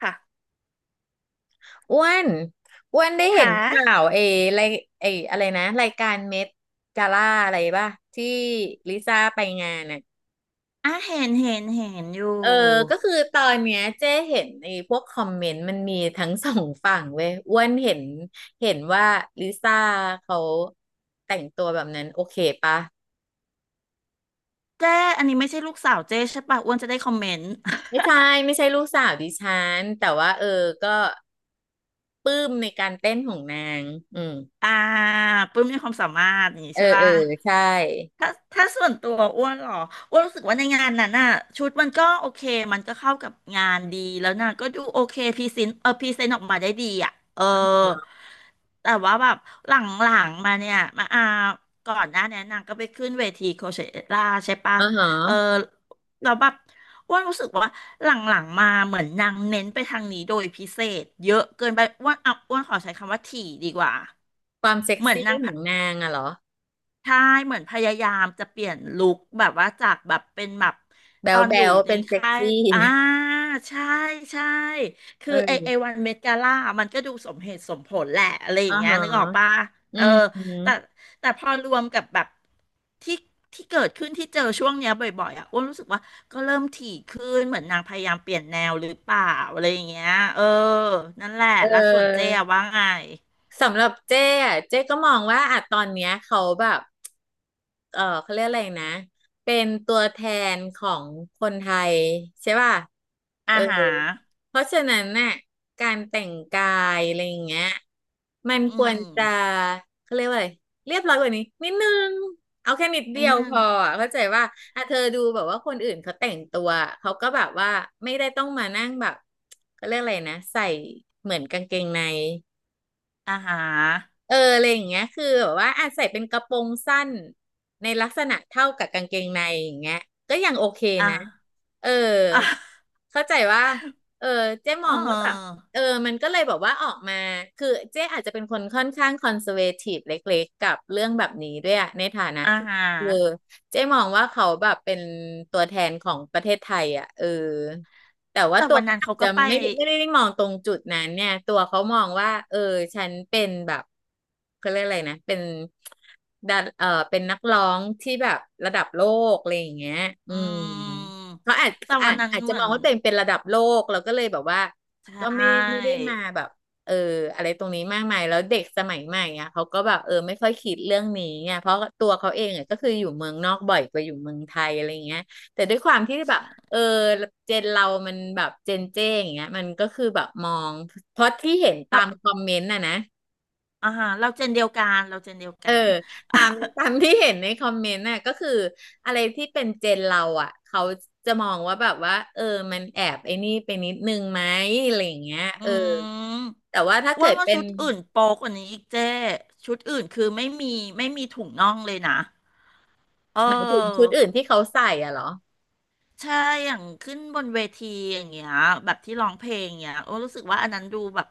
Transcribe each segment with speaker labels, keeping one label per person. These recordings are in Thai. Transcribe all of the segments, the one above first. Speaker 1: ค่ะ
Speaker 2: อ้วนอ้วนได้เห็น
Speaker 1: ค่ะ
Speaker 2: ข่าวเอไรเออะไรนะรายการเม็ดกาล่าอะไรป่ะที่ลิซ่าไปงานน่ะ
Speaker 1: อ่ะ เห็น อยู่
Speaker 2: เออก็คือตอนเนี้ยเจ๊เห็นไอ้พวกคอมเมนต์มันมีทั้งสองฝั่งเว้ยอ้วนเห็นเห็นว่าลิซ่าเขาแต่งตัวแบบนั้นโอเคปะ
Speaker 1: เจ้อันนี้ไม่ใช่ลูกสาวเจ้ใช่ปะอ้วนจะได้คอมเมนต์
Speaker 2: ไม่ใช่ ไม่ใช่ลูกสาวดิฉันแต่ว่าเออก็ปลื้มในการเต้นของนาง อืม
Speaker 1: อ่าปลื้มมีความสามารถอย่างนี้
Speaker 2: เออ
Speaker 1: ใช่
Speaker 2: เออ
Speaker 1: ปะ
Speaker 2: ใช่
Speaker 1: ถ้าส่วนตัวอ้วนเหรออ้วนรู้สึกว่าในงานนั้นน่ะชุดมันก็โอเคมันก็เข้ากับงานดีแล้วน่ะก็ดูโอเคพรีเซนต์พรีเซนต์ออกมาได้ดีอ่ะเออแต่ว่าแบบหลังๆมาเนี่ยมาอาก่อนหน้าเนี้นางก็ไปขึ้นเวทีโคเชล่าใช่ปะ
Speaker 2: อ๋อฮ
Speaker 1: เออ
Speaker 2: ะ
Speaker 1: เราแล้วแบบอ้วนรู้สึกว่าหลังๆมาเหมือนนางเน้นไปทางนี้โดยพิเศษเยอะเกินไปอ้วนอ่ะอ้วนขอใช้คำว่าถี่ดีกว่า
Speaker 2: ความเซ็ก
Speaker 1: เหมือน
Speaker 2: ซี่
Speaker 1: นาง
Speaker 2: ของนางอะเหรอ
Speaker 1: ใช่เหมือนพยายามจะเปลี่ยนลุคแบบว่าจากแบบเป็นแบบ
Speaker 2: แบ๋
Speaker 1: ตอ
Speaker 2: ว
Speaker 1: นอ
Speaker 2: แบ๊
Speaker 1: ยู่
Speaker 2: ว
Speaker 1: ใน
Speaker 2: เป็นเซ็ก
Speaker 1: ค่าย
Speaker 2: ซี่
Speaker 1: อ่าใช่ใช่คือ
Speaker 2: เอ
Speaker 1: ไอไอวั
Speaker 2: อ
Speaker 1: นเมกาล่ามันก็ดูสมเหตุสมผลแหละอะไรอ
Speaker 2: อ่า
Speaker 1: ย่างเงี้ย
Speaker 2: ฮะ
Speaker 1: นึกออกปะ
Speaker 2: อื
Speaker 1: เออ
Speaker 2: มอืม
Speaker 1: แต่แต่พอรวมกับแบบที่ที่เกิดขึ้นที่เจอช่วงเนี้ยบ่อยๆอ่ะอ้วนรู้สึกว่าก็เริ่มถี่ขึ้นเหมือนนางพยายามเปลี่ยนแนวหรือเปล่าอะไรอย่างเงี้ยเออนั่นแหละ
Speaker 2: เ
Speaker 1: แล้วส่วนเจ๊อะ
Speaker 2: ออ
Speaker 1: ว่าไง
Speaker 2: สำหรับเจ้อะเจ้ก็มองว่าอะตอนเนี้ยเขาแบบเขาเรียกอะไรนะเป็นตัวแทนของคนไทยใช่ป่ะ
Speaker 1: อา
Speaker 2: เออ
Speaker 1: หาร
Speaker 2: เพราะฉะนั้นน่ะการแต่งกายอะไรอย่างเงี้ยมัน
Speaker 1: อื
Speaker 2: ควร
Speaker 1: ม
Speaker 2: จะเขาเรียกว่าอะไรเรียบร้อยกว่านี้นิดนึงเอาแค่นิดเดี
Speaker 1: นิด
Speaker 2: ยว
Speaker 1: นึ
Speaker 2: พ
Speaker 1: ง
Speaker 2: ออะเข้าใจว่าอ่ะเธอดูแบบว่าคนอื่นเขาแต่งตัวเขาก็แบบว่าไม่ได้ต้องมานั่งแบบเขาเรียกอะไรนะใส่เหมือนกางเกงใน
Speaker 1: อ่าฮะ
Speaker 2: อะไรอย่างเงี้ยคือแบบว่าอาจใส่เป็นกระโปรงสั้นในลักษณะเท่ากับกางเกงในอย่างเงี้ยก็ยังโอเค
Speaker 1: อ่า
Speaker 2: นะเออ
Speaker 1: อ่า
Speaker 2: เข้าใจว่าเออเจ๊
Speaker 1: เ
Speaker 2: มองว่าแบบ
Speaker 1: ออ
Speaker 2: เออมันก็เลยบอกว่าออกมาคือเจ๊อาจจะเป็นคนค่อนข้างคอนเซอร์เวทีฟเล็กๆกับเรื่องแบบนี้ด้วยอะในฐานะ
Speaker 1: อ่า
Speaker 2: ที่
Speaker 1: ฮะ
Speaker 2: เออเจ๊มองว่าเขาแบบเป็นตัวแทนของประเทศไทยอ่ะเออ แต่ว่า
Speaker 1: แต่
Speaker 2: ตัว
Speaker 1: วัน
Speaker 2: เขา
Speaker 1: นั้น
Speaker 2: อาจ
Speaker 1: เขา
Speaker 2: จะ
Speaker 1: ก็ไป
Speaker 2: ไม่ได้มองตรงจุดนั้นเนี่ยตัวเขามองว่าเออฉันเป็นแบบเขาเรียกอะไรนะเป็นดันเป็นนักร้องที่แบบระดับโลกอะไรอย่างเงี้ยอื
Speaker 1: อื
Speaker 2: ม
Speaker 1: ม
Speaker 2: เขาอาจ
Speaker 1: แต่
Speaker 2: อา
Speaker 1: วัน
Speaker 2: จ
Speaker 1: นั้น
Speaker 2: อาจ
Speaker 1: เห
Speaker 2: จะ
Speaker 1: มื
Speaker 2: ม
Speaker 1: อ
Speaker 2: อ
Speaker 1: น
Speaker 2: งว่าตัวเองเป็นระดับโลกแล้วก็เลยแบบว่า
Speaker 1: ใช
Speaker 2: ก็ไม่
Speaker 1: ่
Speaker 2: ได้มาแบบเอออะไรตรงนี้มากมายแล้วเด็กสมัยใหม่อ่ะเขาก็แบบไม่ค่อยคิดเรื่องนี้ไงเพราะตัวเขาเองอ่ะก็คืออยู่เมืองนอกบ่อยกว่าอยู่เมืองไทยอะไรอย่างเงี้ยแต่ด้วยความที่แบบ
Speaker 1: ใช่
Speaker 2: เออเจนเรามันแบบเจนเจ้อย่างเงี้ยมันก็คือแบบมองเพราะที่เห็นตา
Speaker 1: เรา
Speaker 2: มคอมเมนต์น่ะนะ
Speaker 1: อ่าฮะเราเจนเดียว
Speaker 2: เอ
Speaker 1: กั
Speaker 2: อ
Speaker 1: น
Speaker 2: ตามตามที่เห็นในคอมเมนต์น่ะก็คืออะไรที่เป็นเจนเราอ่ะเขาจะมองว่าแบบว่าเออมันแอบไอ้นี่ไปนิดนึงไหมอะไรอย่างเงี้ย
Speaker 1: อื
Speaker 2: เออ
Speaker 1: ม
Speaker 2: แต่ว่าถ้า
Speaker 1: อ้วน
Speaker 2: เกิด
Speaker 1: ว่า
Speaker 2: เป็
Speaker 1: ชุ
Speaker 2: น
Speaker 1: ดอื่นโป๊กว่านี้อีกเจ้ชุดอื่นคือไม่มีถุงน่องเลยนะเ
Speaker 2: หมายถึงชุด
Speaker 1: ออ
Speaker 2: อื่นที่เขาใส่อะเหรอ
Speaker 1: ใช่อย่างขึ้นบนเวทีอย่างเงี้ยแบบที่ร้องเพลงเงี้ยโอ้รู้สึกว่าอันนั้นดูแบบ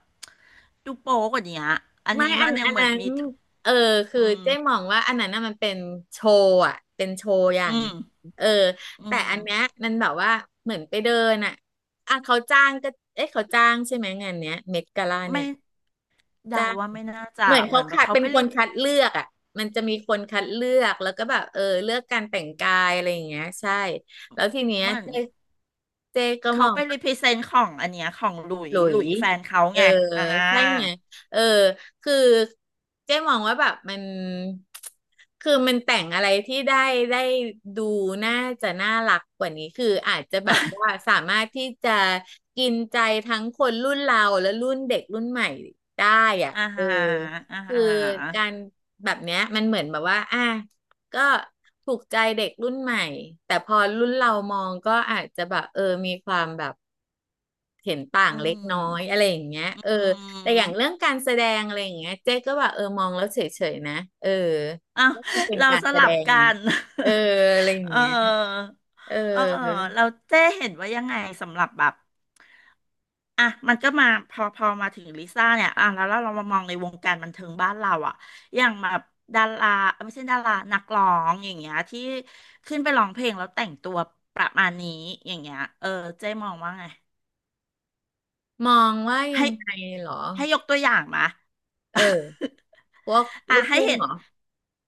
Speaker 1: ดูโป๊กว่านี้อะอัน
Speaker 2: ไม่
Speaker 1: นี้
Speaker 2: อั
Speaker 1: มั
Speaker 2: น
Speaker 1: นยัง
Speaker 2: อัน
Speaker 1: เหมือ
Speaker 2: นั้
Speaker 1: นมี
Speaker 2: นเออคือ
Speaker 1: อืม
Speaker 2: เจ๊มองว่าอันนั้นน่ะมันเป็นโชว์อ่ะเป็นโชว์อย่า
Speaker 1: อื
Speaker 2: ง
Speaker 1: ม
Speaker 2: เออ
Speaker 1: อื
Speaker 2: แต่
Speaker 1: ม
Speaker 2: อันเนี้ยมันแบบว่าเหมือนไปเดินอ่ะอ่ะเขาจ้างก็เอ๊ะเขาจ้างใช่ไหมงานเนี้ยเมดกาล่าเนี่
Speaker 1: ไม่
Speaker 2: ย
Speaker 1: เดา
Speaker 2: จ้าง
Speaker 1: ว่าไม่น่า
Speaker 2: เห
Speaker 1: จะ
Speaker 2: มือน
Speaker 1: เห
Speaker 2: เขา
Speaker 1: มือนแบบ
Speaker 2: คัด
Speaker 1: เขา
Speaker 2: เป็น
Speaker 1: ไป
Speaker 2: ค
Speaker 1: รี
Speaker 2: นคัดเลือกอ่ะมันจะมีคนคัดเลือกแล้วก็แบบเลือกการแต่งกายอะไรอย่างเงี้ยใช่แล้วทีเนี้ย
Speaker 1: เหมือน
Speaker 2: เจ๊ก็ม
Speaker 1: เขา
Speaker 2: อง
Speaker 1: ไปรีพรีเซนต์ของอันเนี้ยของ
Speaker 2: หลุ
Speaker 1: หลุ
Speaker 2: ย
Speaker 1: ยแฟนเขา
Speaker 2: เออ
Speaker 1: ไงอ่า
Speaker 2: ใช่ไงเออคือเจ๊มองว่าแบบมันคือมันแต่งอะไรที่ได้ดูน่าจะน่ารักกว่านี้คืออาจจะแบบว่าสามารถที่จะกินใจทั้งคนรุ่นเราและรุ่นเด็กรุ่นใหม่ได้อ่ะ
Speaker 1: อ่า
Speaker 2: เออ
Speaker 1: ฮะอ่าฮ
Speaker 2: คือ
Speaker 1: ะ
Speaker 2: การแบบเนี้ยมันเหมือนแบบว่าอ่ะก็ถูกใจเด็กรุ่นใหม่แต่พอรุ่นเรามองก็อาจจะแบบมีความแบบ เห็นต่า
Speaker 1: อื
Speaker 2: งเล็กน้อยอะ
Speaker 1: ม
Speaker 2: ไรอย่างเงี้ย
Speaker 1: อื
Speaker 2: เออแต่อย่างเรื่อ
Speaker 1: ม
Speaker 2: งการแสดงอะไรอย่างเงี้ยเจ๊ก็แบบมองแล้วเฉยๆนะเออ
Speaker 1: อ้าว
Speaker 2: ก็คือเป็น
Speaker 1: เรา
Speaker 2: การ
Speaker 1: ส
Speaker 2: แสด
Speaker 1: ลับ
Speaker 2: งไง
Speaker 1: กัน
Speaker 2: เอออะไรอ ย่าง
Speaker 1: เ
Speaker 2: เงี้ย
Speaker 1: ออ
Speaker 2: เออ
Speaker 1: เออเราเจ้เห็นว่ายังไงสำหรับแบบ อ่ะมันก็มาพอมาถึงลิซ่าเนี่ยอ่ะแล้วเรามามองในวงการบันเทิงบ้านเราอ่ะอย่างแบบดาราเอ้ยไม่ใช่ดารานักร้องอย่างเงี้ยที่ขึ้นไปร้องเพลงแล้วแต่งตัวประมาณนี้อย่างเงี้ยเออเจ๊มองว่าไง
Speaker 2: มองว่ายั
Speaker 1: ให้
Speaker 2: งไงเหรอ
Speaker 1: ให้ยกตัวอย่างมา
Speaker 2: เออพวก
Speaker 1: อ่ะ
Speaker 2: ลูก
Speaker 1: ให้
Speaker 2: ทุ่ง
Speaker 1: เห็น
Speaker 2: เหรอ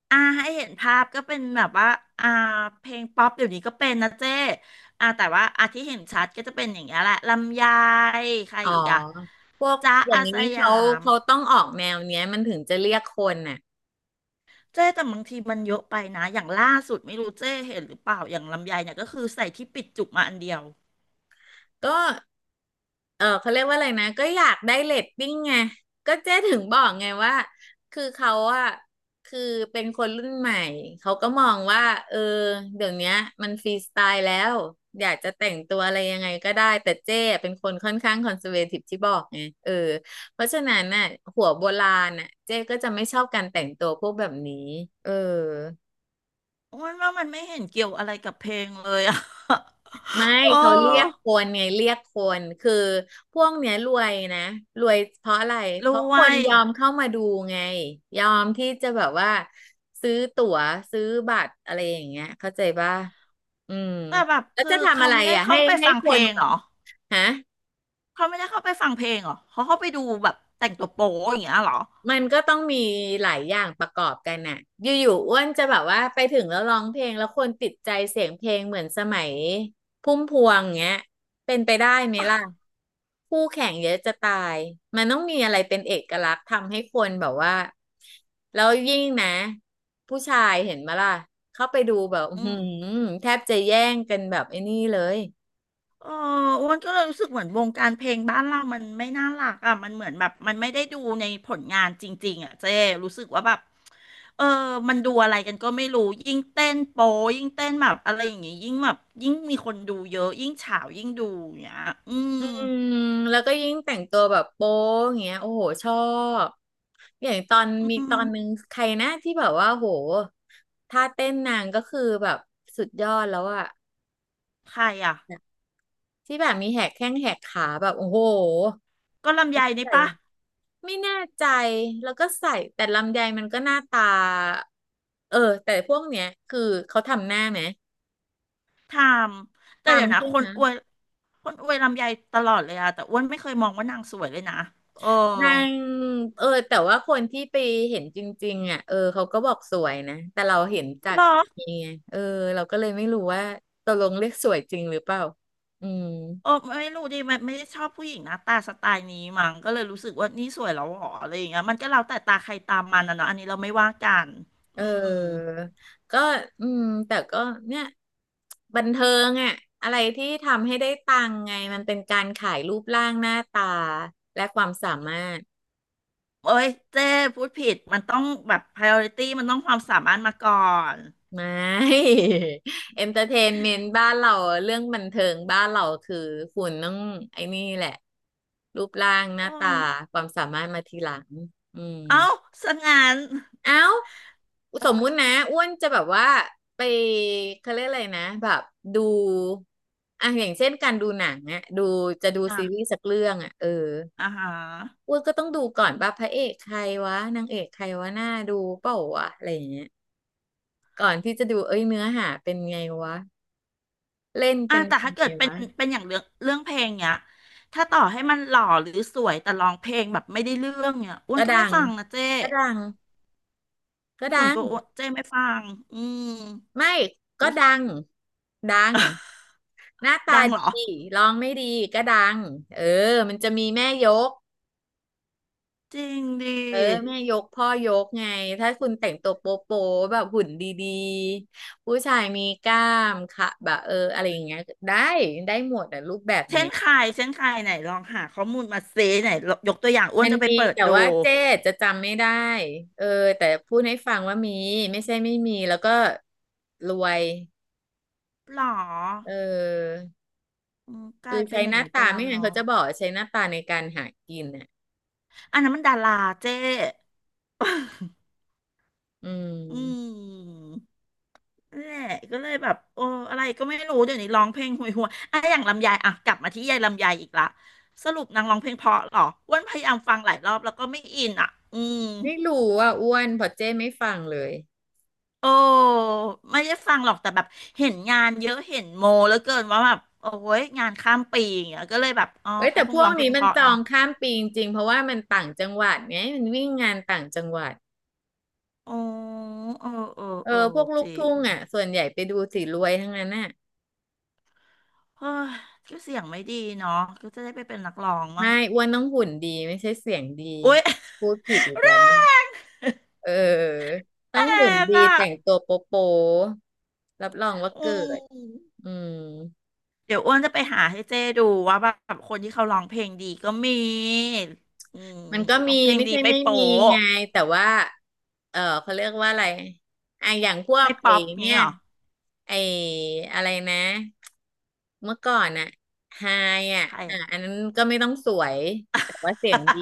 Speaker 1: อ่ะให้เห็นภาพก็เป็นแบบว่าอ่าเพลงป๊อปเดี๋ยวนี้ก็เป็นนะเจ้อ่ะแต่ว่าอ่ะที่เห็นชัดก็จะเป็นอย่างเงี้ยแหละลำไยใคร
Speaker 2: อ๋อ
Speaker 1: อีกอ่ะ
Speaker 2: พวก
Speaker 1: จ๊ะ
Speaker 2: อย่า
Speaker 1: อา
Speaker 2: งนี้
Speaker 1: สยา
Speaker 2: เขา
Speaker 1: ม
Speaker 2: เขาต้องออกแนวเนี้ยมันถึงจะเรียกคนน่ะ
Speaker 1: เจ๊แต่บางทีมันเยอะไปนะอย่างล่าสุดไม่รู้เจ๊เห็นหรือเปล่าอย่างลำไยเนี่ยก็คือใส่ที่ปิดจุกมาอันเดียว
Speaker 2: ก็ เออเขาเรียกว่าอะไรนะก็อยากได้เรตติ้งไงก็เจ๊ถึงบอกไงว่าคือเขาอะคือเป็นคนรุ่นใหม่เขาก็มองว่าเออเดี๋ยวเนี้ยมันฟรีสไตล์แล้วอยากจะแต่งตัวอะไรยังไงก็ได้แต่เจ๊เป็นคนค่อนข้างคอนเซอร์เวทีฟที่บอกไงเออเพราะฉะนั้นน่ะหัวโบราณน่ะเจ๊ก็จะไม่ชอบการแต่งตัวพวกแบบนี้เออ
Speaker 1: โอ้ยว่ามันไม่เห็นเกี่ยวอะไรกับเพลงเลยอะ
Speaker 2: ไม่
Speaker 1: โอ้
Speaker 2: เขาเรียกคนไงเรียกคือพวกเนี้ยรวยนะรวยเพราะอะไร
Speaker 1: ร
Speaker 2: เพราะ
Speaker 1: ว
Speaker 2: คน
Speaker 1: ย
Speaker 2: ยอมเข้ามาดูไงยอมที่จะแบบว่าซื้อตั๋วซื้อบัตรอะไรอย่างเงี้ยเข้าใจป่ะอืม
Speaker 1: แต่แบบ
Speaker 2: แล้ว
Speaker 1: คือ
Speaker 2: จะทำ
Speaker 1: เขา
Speaker 2: อะไร
Speaker 1: ไม่ได้
Speaker 2: อ่ะ
Speaker 1: เข้า
Speaker 2: ให้
Speaker 1: ไป
Speaker 2: ให้
Speaker 1: ฟัง
Speaker 2: ค
Speaker 1: เพล
Speaker 2: น
Speaker 1: ง
Speaker 2: แบ
Speaker 1: เหร
Speaker 2: บ
Speaker 1: อ
Speaker 2: ฮะ
Speaker 1: เขาไม่ได้เข้าไปฟังเพลงเหรอเขาเข้าไปดูแบบแต่งตัวโป๊อย่างเงี้ยเหรอ
Speaker 2: มันก็ต้องมีหลายอย่างประกอบกันน่ะอยู่ๆอ้วนจะแบบว่าไปถึงแล้วร้องเพลงแล้วคนติดใจเสียงเพลงเหมือนสมัยพุ่มพวงเงี้ย เป็นไปได้ไหมล่ะคู่แข่งเยอะจะตาย มันต้องมีอะไรเป็นเอกลักษณ์ทำให้คนแบบว่าแล้วยิ่งนะผู้ชายเห็นมาล่ะเข้าไปดูแบบอื้อ
Speaker 1: อื
Speaker 2: หื
Speaker 1: ม
Speaker 2: มแทบจะแย่งกันแบบไอ้นี่เลย
Speaker 1: เอออ้วนก็เลยรู้สึกเหมือนวงการเพลงบ้านเรามันไม่น่ารักอ่ะมันเหมือนแบบมันไม่ได้ดูในผลงานจริงๆอ่ะเจ๊รู้สึกว่าแบบ เออ มันดูอะไรกันก็ไม่รู้ ยิ่งเต้นโป๊ยิ่งเต้นแบบอะไรอย่างงี้ยิ่งแบบยิ่งมีคนดูเยอะ ยิ่งฉาวยิ่งดูอย่างเงี้ยอืม
Speaker 2: อืมแล้วก็ยิ่งแต่งตัวแบบโป๊อย่างเงี้ยโอ้โหชอบอย่างตอน
Speaker 1: อื
Speaker 2: มีต
Speaker 1: ม
Speaker 2: อนนึงใครนะที่แบบว่าโหท่าเต้นนางก็คือแบบสุดยอดแล้วอะ
Speaker 1: ใครอ่ะ
Speaker 2: ที่แบบมีแหกแข้งแหกขาแบบโอ้โห
Speaker 1: ก็ลำไยนี่
Speaker 2: ใส่
Speaker 1: ปะ
Speaker 2: ไม่แน่ใจแล้วก็ใส่แต่ลำไยมันก็หน้าตาเออแต่พวกเนี้ยคือเขาทำหน้าไหม
Speaker 1: ทามแต่เดี๋ยว
Speaker 2: ทำ
Speaker 1: นะ
Speaker 2: ใช่ไหม
Speaker 1: คนอวยลำไยตลอดเลยอะแต่อ้วนไม่เคยมองว่านางสวยเลยนะ เออ
Speaker 2: นางเออแต่ว่าคนที่ไปเห็นจริงๆอ่ะเออเขาก็บอกสวยนะแต่เราเห็นจา
Speaker 1: เห
Speaker 2: ก
Speaker 1: รอ
Speaker 2: นี่ไงเออเราก็เลยไม่รู้ว่าตกลงเรียกสวยจริงหรือเปล่าอืม
Speaker 1: เออไม่รู้ดิไม่ได้ชอบผู้หญิงหน้าตาสไตล์นี้มั้งก็เลยรู้สึกว่านี่สวยแล้วเหรออะไรอย่างเงี้ยมันก็แล้วแต่ตาใครตามมันนะเนาะอันนี้เราไม่ว่ากัน
Speaker 2: เอ
Speaker 1: อืม
Speaker 2: อก็อืมแต่ก็เนี่ยบันเทิงอ่ะอะไรที่ทำให้ได้ตังค์ไงมันเป็นการขายรูปร่างหน้าตาและความสามารถ
Speaker 1: เอ้ยเจ้พูดผิดมันต้องแบบ priority มันต้องความสามารถมาก่อน
Speaker 2: ไม่ เอนเตอร์เทนเมนต์บ้านเราเรื่องบันเทิงบ้านเราคือคุณต้องไอ้นี่แหละรูปร่างหน้า
Speaker 1: อื
Speaker 2: ตา
Speaker 1: ม
Speaker 2: ความสามารถมาทีหลังอืม
Speaker 1: เอ้าสังงาน
Speaker 2: เอ้าสมมุตินะอ้วนจะแบบว่าไปเขาเรียกอะไรนะแบบดูอ่ะอย่างเช่นการดูหนังอะดูจะดูซีรี
Speaker 1: อ่ะ
Speaker 2: ส์สักเรื่องอะเออ
Speaker 1: อ่าฮะ
Speaker 2: อ้วนก็ต้องดูก่อนว่าพระเอกใครวะนางเอกใครวะหน้าดูเปล่าวะอะไรอย่างเงี้ยก่อนที่จะดูเอ้ยเนื้อหาเป็นไงวะ เล่น
Speaker 1: อ่ะ
Speaker 2: เป็น
Speaker 1: แต่ถ้า
Speaker 2: ยัง
Speaker 1: เกิ
Speaker 2: ไง
Speaker 1: ดเป็น
Speaker 2: วะ
Speaker 1: อย่างเรื่องเพลงเนี้ยถ้าต่อให้มันหล่อหรือสวยแต่ร้องเพลงแบบไม่ได้เรื่องเนี้ยอ้ว
Speaker 2: ก็
Speaker 1: นก็
Speaker 2: ดั
Speaker 1: ไม่
Speaker 2: ง
Speaker 1: ฟังนะเจ้
Speaker 2: ก็ดังก็ดั
Speaker 1: ส่วน
Speaker 2: ง
Speaker 1: ตัวอ้วนเจ้ไม่ฟังอืม
Speaker 2: ไม่ก็
Speaker 1: รู้สึก
Speaker 2: ดังดัง หน้าตา
Speaker 1: ดังเหร
Speaker 2: ดี
Speaker 1: อ
Speaker 2: ร้องไม่ดีก็ดังเออมันจะมีแม่ยก
Speaker 1: จริงดิ
Speaker 2: เออแม่ยกพ่อยกไง ถ้าคุณแต่งตัวโป๊โปแบบหุ่นดีๆ ผู้ชายมีกล้ามค่ะแบบเอออะไรอย่างเงี้ยได้ได้หมดอะรูปแบบเนี้ย
Speaker 1: เช่นใครไหนลองหาข้อมูลมาเซไหนยกตัวอย่างอ้ว
Speaker 2: มั
Speaker 1: น
Speaker 2: น
Speaker 1: จะไป
Speaker 2: มี
Speaker 1: เปิด
Speaker 2: แต่
Speaker 1: ดู
Speaker 2: ว่าเจ๊จะจำไม่ได้เออแต่พูดให้ฟังว่ามีไม่ใช่ไม่มีแล้วก็รวย
Speaker 1: หรอ
Speaker 2: เออ
Speaker 1: อืมก
Speaker 2: คื
Speaker 1: ลา
Speaker 2: อ
Speaker 1: ยเป็น
Speaker 2: ใช้
Speaker 1: อ
Speaker 2: ห
Speaker 1: ย่าง
Speaker 2: น้า
Speaker 1: นี้ไป
Speaker 2: ตา
Speaker 1: แล้ว
Speaker 2: ไม่งั้น
Speaker 1: เนาะ
Speaker 2: เขาจะบอกว่าใช้หน้าตาในการหากินอ่ะ
Speaker 1: อันนั้นมันดาราเจ้
Speaker 2: อื
Speaker 1: อื
Speaker 2: ม
Speaker 1: มนั่นแหละก็เลยแบบโอ้อะไรก็ไม่รู้เดี๋ยวนี้ร้องเพลงห่วยอ่ะอย่างลำไยอ่ะกลับมาที่ยายลำไยอีกละสรุปนางร้องเพลงเพราะเหรออ้วนพยายามฟังหลายรอบแล้วก็ไม่อินอ่ะอืม
Speaker 2: ไม่รู้ว่าอ้วนเพอเจ้ไม่ฟังเลย
Speaker 1: โอ้ไม่ได้ฟังหรอกแต่แบบเห็นงานเยอะเห็นโมแล้วเกินว่าแบบโอ้ยงานข้ามปีอย่างเงี้ยก็เลยแบบอ๋อ
Speaker 2: เอ้ย
Speaker 1: เขา
Speaker 2: แต่
Speaker 1: ค
Speaker 2: พ
Speaker 1: ง
Speaker 2: ว
Speaker 1: ร้
Speaker 2: ก
Speaker 1: องเพล
Speaker 2: นี้
Speaker 1: งเพ
Speaker 2: มัน
Speaker 1: ราะ
Speaker 2: จอ
Speaker 1: เนาะ
Speaker 2: งข้ามปีจริงๆเพราะว่ามันต่างจังหวัดไงมันวิ่งงานต่างจังหวัด
Speaker 1: โอ้เออเออ
Speaker 2: เอ
Speaker 1: เออ
Speaker 2: อพวกลู
Speaker 1: จ
Speaker 2: ก
Speaker 1: ริ
Speaker 2: ทุ่
Speaker 1: ง
Speaker 2: งอ่ะส่วนใหญ่ไปดูสีรวยทั้งนั้นน่ะ
Speaker 1: เฮ้ยก็เสียงไม่ดีเนาะก็จะได้ไปเป็นนักร้องมั้
Speaker 2: ไม่
Speaker 1: ง
Speaker 2: อ้วนต้องหุ่นดีไม่ใช่เสียงดี
Speaker 1: อุ๊ย
Speaker 2: พูดผิดอีก
Speaker 1: แร
Speaker 2: แล้วเนี่ยเออต้องหุ่น
Speaker 1: ง
Speaker 2: ดี
Speaker 1: อ่ะ
Speaker 2: แต่งตัวโป๊ะๆรับรองว่า
Speaker 1: อื
Speaker 2: เกิด
Speaker 1: ม
Speaker 2: อืม
Speaker 1: เดี๋ยวอ้วนจะไปหาให้เจ้ดูว่าแบบคนที่เขาร้องเพลงดีก็มีอืม
Speaker 2: มันก็
Speaker 1: ร้อ
Speaker 2: มี
Speaker 1: งเพลง
Speaker 2: ไม่
Speaker 1: ดี
Speaker 2: ใช่
Speaker 1: ไม่
Speaker 2: ไม่
Speaker 1: โป๊
Speaker 2: มี
Speaker 1: ะ
Speaker 2: ไงแต่ว่าเออเขาเรียกว่าอะไรไอะอย่างพวก
Speaker 1: ไม่
Speaker 2: ไอ
Speaker 1: ป๊อป
Speaker 2: เนี่
Speaker 1: งี้
Speaker 2: ย
Speaker 1: เหรอ
Speaker 2: ไออะไรนะเมื่อก่อนอะไฮอะ
Speaker 1: ใคร
Speaker 2: อ่ะ
Speaker 1: อ่ะ
Speaker 2: อันนั้นก็ไม่ต้องสวยแต่ว่าเสียงดี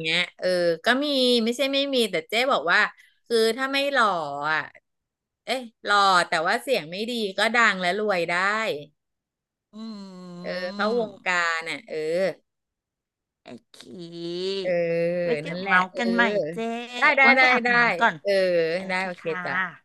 Speaker 2: เงี้ย เออก็มีไม่ใช่ไม่มีแต่เจ๊บอกว่าคือถ้าไม่หล่ออะเอ๊ะหล่อแต่ว่าเสียงไม่ดีก็ดังและรวยได้
Speaker 1: อื
Speaker 2: เออเข้าวงกา
Speaker 1: ม
Speaker 2: รน่ะเออ
Speaker 1: โอเค
Speaker 2: เออ
Speaker 1: ไว้เดี๋
Speaker 2: นั่
Speaker 1: ย
Speaker 2: น
Speaker 1: ว
Speaker 2: แหละ
Speaker 1: เมาส์
Speaker 2: เออ
Speaker 1: กันใหม่เจ้
Speaker 2: ได้ได้
Speaker 1: อ้วน
Speaker 2: ได้
Speaker 1: ไปอาบ
Speaker 2: ได้
Speaker 1: น้ำก่อน
Speaker 2: เออ
Speaker 1: โอ
Speaker 2: ได้
Speaker 1: เค
Speaker 2: โอเค
Speaker 1: ค่ะ
Speaker 2: จ้ะ